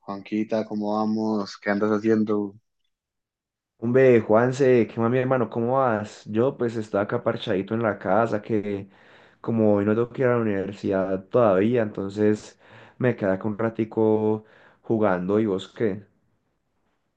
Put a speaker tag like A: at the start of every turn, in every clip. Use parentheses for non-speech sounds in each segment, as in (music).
A: Juanquita, ¿cómo vamos? ¿Qué andas haciendo?
B: Hombre, Juanse, ¿qué más, mi hermano? ¿Cómo vas? Yo pues estaba acá parchadito en la casa, que como hoy no tengo que ir a la universidad todavía, entonces me quedé acá un ratico jugando. ¿Y vos qué?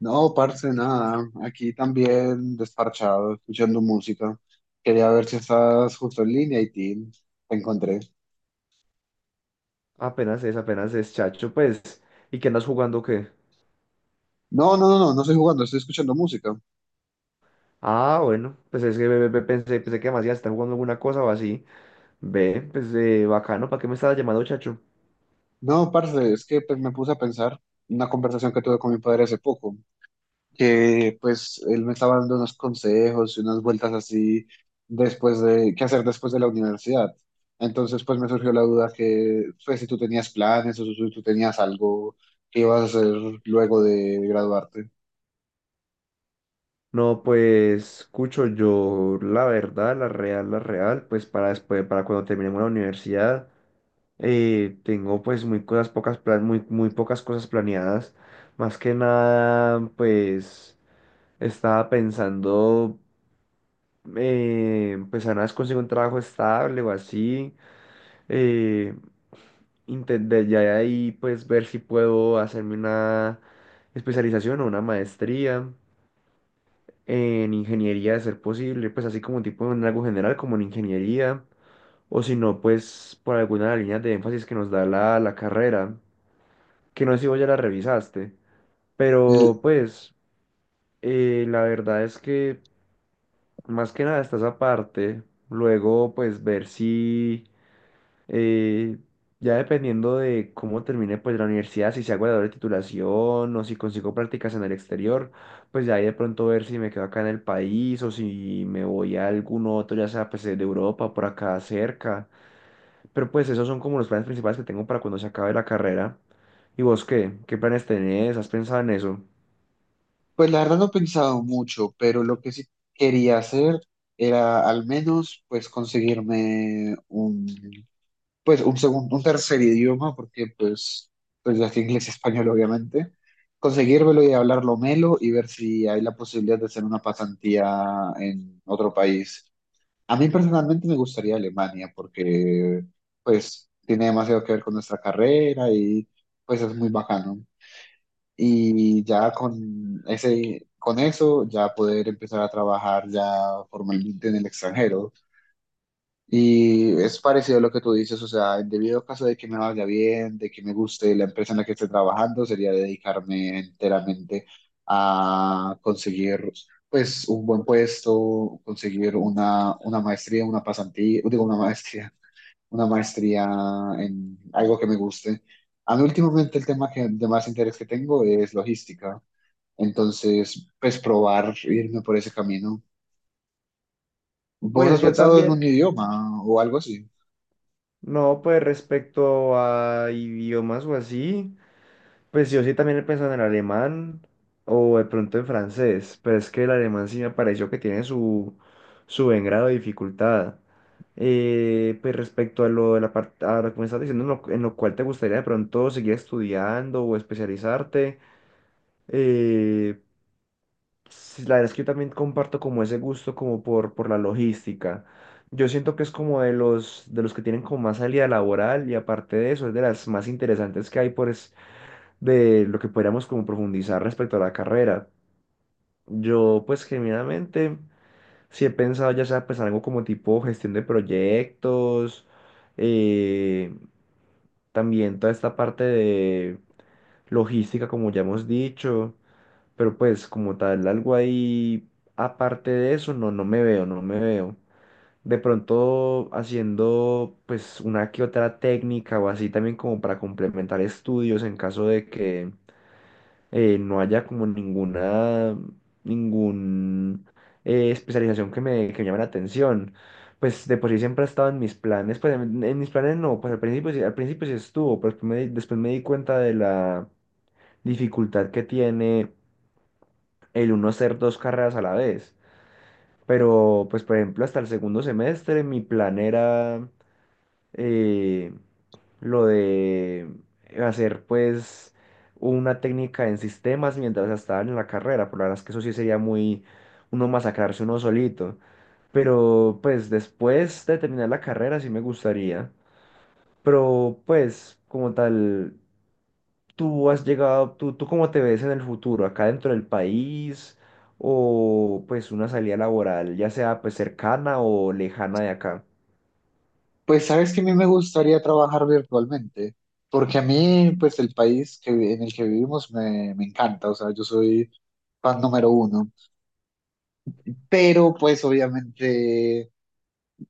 A: No, parce, nada. Aquí también desparchado, escuchando música. Quería ver si estás justo en línea y tin, te encontré.
B: Apenas es, chacho, pues. ¿Y qué andas jugando o qué?
A: No, no, no, no, no estoy jugando, estoy escuchando música.
B: Ah, bueno, pues es que pensé, que más ya está jugando alguna cosa o así. Ve, pues bacano, ¿para qué me estabas llamando, chacho?
A: No, parce, es que pues, me puse a pensar una conversación que tuve con mi padre hace poco, que pues él me estaba dando unos consejos y unas vueltas así después de qué hacer después de la universidad. Entonces pues me surgió la duda que pues, si tú tenías planes o si tú tenías algo que ibas a hacer luego de graduarte.
B: No, pues, escucho yo la verdad, la real, la real, pues para después, para cuando terminemos la universidad. Tengo pues muy cosas pocas muy, muy pocas cosas planeadas. Más que nada, pues estaba pensando pues apenas consigo un trabajo estable o así. Eh, intentar ya de ahí pues ver si puedo hacerme una especialización o una maestría en ingeniería de ser posible, pues así como tipo en algo general como en ingeniería, o si no, pues por alguna de las líneas de énfasis que nos da la carrera, que no sé si vos ya la revisaste,
A: L-
B: pero pues la verdad es que más que nada está esa parte, luego pues ver si eh, ya dependiendo de cómo termine pues la universidad, si se hago la doble titulación o si consigo prácticas en el exterior, pues ya ahí de pronto ver si me quedo acá en el país o si me voy a algún otro, ya sea pues de Europa, por acá cerca, pero pues esos son como los planes principales que tengo para cuando se acabe la carrera. ¿Y vos qué? ¿Qué planes tenés? ¿Has pensado en eso?
A: Pues la verdad no he pensado mucho, pero lo que sí quería hacer era al menos pues conseguirme un pues un segundo, un tercer idioma, porque pues, pues ya que inglés y español obviamente, conseguírmelo y hablarlo melo y ver si hay la posibilidad de hacer una pasantía en otro país. A mí personalmente me gustaría Alemania porque pues tiene demasiado que ver con nuestra carrera y pues es muy bacano. Y ya con ese, con eso ya poder empezar a trabajar ya formalmente en el extranjero. Y es parecido a lo que tú dices, o sea, en debido caso de que me vaya bien, de que me guste la empresa en la que esté trabajando, sería dedicarme enteramente a conseguir, pues, un buen puesto, conseguir una maestría, una pasantía, digo, una maestría en algo que me guste. A mí últimamente el tema que, de más interés que tengo es logística, entonces, pues, probar irme por ese camino. ¿Vos has
B: Pues yo
A: pensado en un
B: también,
A: idioma o algo así?
B: no, pues respecto a idiomas o así, pues yo sí también he pensado en el alemán o de pronto en francés, pero es que el alemán sí me pareció que tiene su, su buen grado de dificultad. Pues respecto a lo de la parte, a lo que me estás diciendo, en lo cual te gustaría de pronto seguir estudiando o especializarte, eh, sí, la verdad es que yo también comparto como ese gusto como por la logística. Yo siento que es como de los que tienen como más salida laboral y aparte de eso es de las más interesantes que hay pues de lo que podríamos como profundizar respecto a la carrera. Yo pues genuinamente sí he pensado ya sea pues algo como tipo gestión de proyectos, eh, también toda esta parte de logística como ya hemos dicho. Pero pues como tal, algo ahí aparte de eso, no, no me veo, no me veo. De pronto haciendo pues una que otra técnica o así también como para complementar estudios en caso de que no haya como ninguna, ningún especialización que me llame la atención. Pues de por sí siempre ha estado en mis planes, pues en mis planes no, pues al principio sí estuvo, pero después me, después me di cuenta de la dificultad que tiene el uno hacer dos carreras a la vez. Pero, pues, por ejemplo, hasta el segundo semestre mi plan era eh, lo de hacer, pues, una técnica en sistemas mientras estaba en la carrera. Por la verdad es que eso sí sería muy uno masacrarse uno solito. Pero, pues, después de terminar la carrera sí me gustaría. Pero, pues, como tal, tú has llegado, tú ¿cómo te ves en el futuro, acá dentro del país o pues una salida laboral, ya sea pues cercana o lejana de acá?
A: Pues sabes que a mí me gustaría trabajar virtualmente, porque a mí, pues el país que, en el que vivimos me, me encanta, o sea, yo soy fan número uno, pero pues obviamente,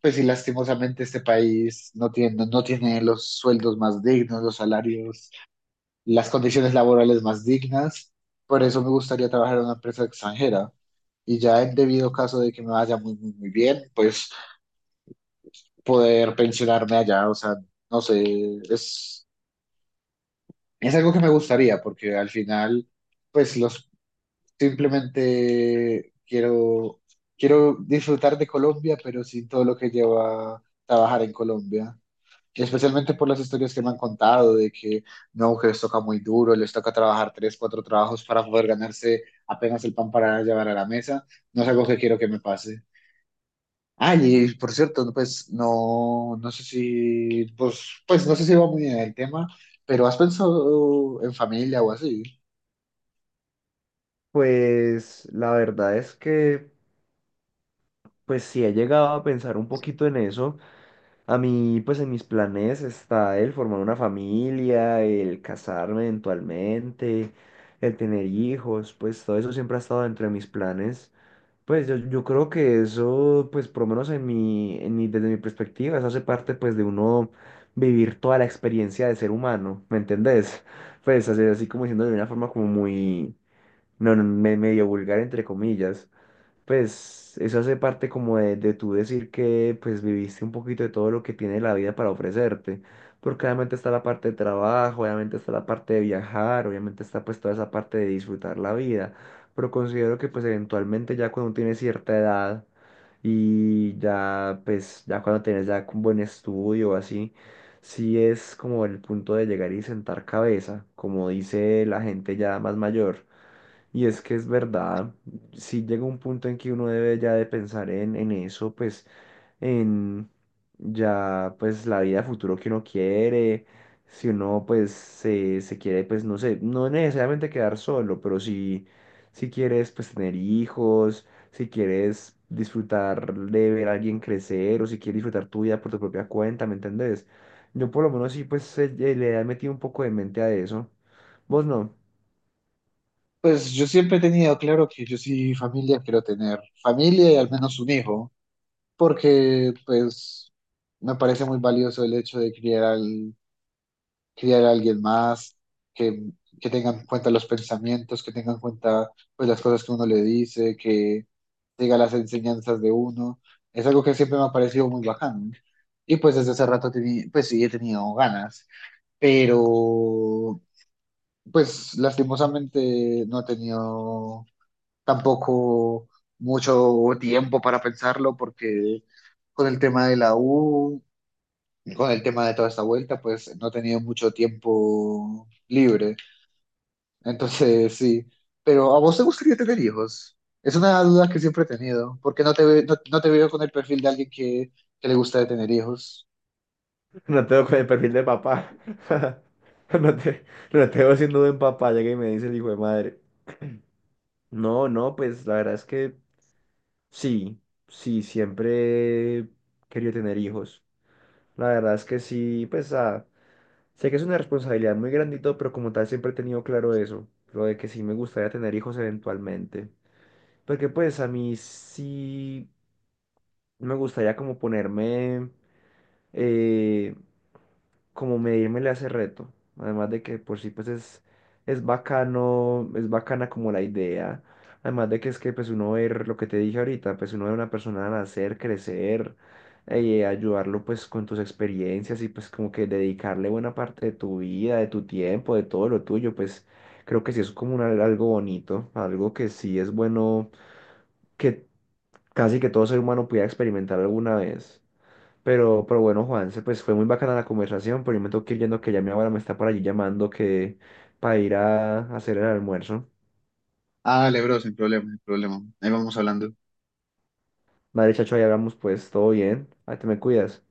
A: pues sí, lastimosamente este país no tiene, no tiene los sueldos más dignos, los salarios, las condiciones laborales más dignas, por eso me gustaría trabajar en una empresa extranjera y ya en debido caso de que me vaya muy, muy, muy bien, pues poder pensionarme allá, o sea, no sé, es... Es algo que me gustaría, porque al final, pues los simplemente quiero, quiero disfrutar de Colombia, pero sin todo lo que lleva trabajar en Colombia. Y especialmente por las historias que me han contado de que no, que les toca muy duro, les toca trabajar tres, cuatro trabajos para poder ganarse apenas el pan para llevar a la mesa. No es algo que quiero que me pase. Ah, y por cierto, no, pues no, no sé si, pues, pues no sé si va muy bien el tema, pero ¿has pensado en familia o así?
B: Pues la verdad es que pues sí he llegado a pensar un poquito en eso. A mí pues en mis planes está el formar una familia, el casarme eventualmente, el tener hijos, pues todo eso siempre ha estado dentro de mis planes. Pues yo creo que eso, pues por lo menos en mi, desde mi perspectiva, eso hace parte pues de uno vivir toda la experiencia de ser humano, ¿me entendés? Pues así, así como diciendo de una forma como muy, no, no, medio vulgar entre comillas. Pues eso hace parte como de tú decir que pues viviste un poquito de todo lo que tiene la vida para ofrecerte, porque obviamente está la parte de trabajo, obviamente está la parte de viajar, obviamente está pues toda esa parte de disfrutar la vida, pero considero que pues eventualmente ya cuando tienes cierta edad y ya pues ya cuando tienes ya un buen estudio o así, sí es como el punto de llegar y sentar cabeza, como dice la gente ya más mayor. Y es que es verdad, si llega un punto en que uno debe ya de pensar en eso, pues en ya pues la vida futuro que uno quiere, si uno pues se quiere pues no sé, no necesariamente quedar solo, pero si, si quieres pues tener hijos, si quieres disfrutar de ver a alguien crecer o si quieres disfrutar tu vida por tu propia cuenta, ¿me entendés? Yo por lo menos sí pues le he metido un poco de mente a eso. Vos no.
A: Pues yo siempre he tenido claro que yo sí familia quiero tener, familia y al menos un hijo, porque pues me parece muy valioso el hecho de criar, al, criar a alguien más, que, que tengan en cuenta los pensamientos, que tengan en cuenta pues las cosas que uno le dice, que diga las enseñanzas de uno. Es algo que siempre me ha parecido muy bacano. Y pues desde hace rato pues sí he tenido ganas, pero pues lastimosamente no he tenido tampoco mucho tiempo para pensarlo porque con el tema de la U, con el tema de toda esta vuelta, pues no he tenido mucho tiempo libre. Entonces, sí. Pero ¿a vos te gustaría tener hijos? Es una duda que siempre he tenido, porque no no, no te veo con el perfil de alguien que le gusta tener hijos.
B: No tengo con el perfil de papá. (laughs) No te, no te veo siendo buen papá, llega y me dice el hijo de madre. No, no, pues la verdad es que sí, sí, siempre he querido tener hijos. La verdad es que sí, pues sé que es una responsabilidad muy grandito pero como tal siempre he tenido claro eso, lo de que sí me gustaría tener hijos eventualmente. Porque pues a mí sí me gustaría como ponerme... eh, como medirme le hace reto. Además de que por sí pues es bacano, es bacana como la idea. Además de que es que pues uno ver lo que te dije ahorita, pues uno ver a una persona nacer, crecer, ayudarlo pues con tus experiencias y pues como que dedicarle buena parte de tu vida, de tu tiempo, de todo lo tuyo, pues creo que sí es como un algo bonito, algo que sí es bueno que casi que todo ser humano pudiera experimentar alguna vez. Pero bueno, Juanse, pues fue muy bacana la conversación, pero yo me tengo que ir yendo que ya mi abuela me está por allí llamando que para ir a hacer el almuerzo.
A: Ah, dale, bro, sin problema, sin problema. Ahí vamos hablando.
B: Madre, chacho, ahí hablamos pues, todo bien. Ahí te me cuidas.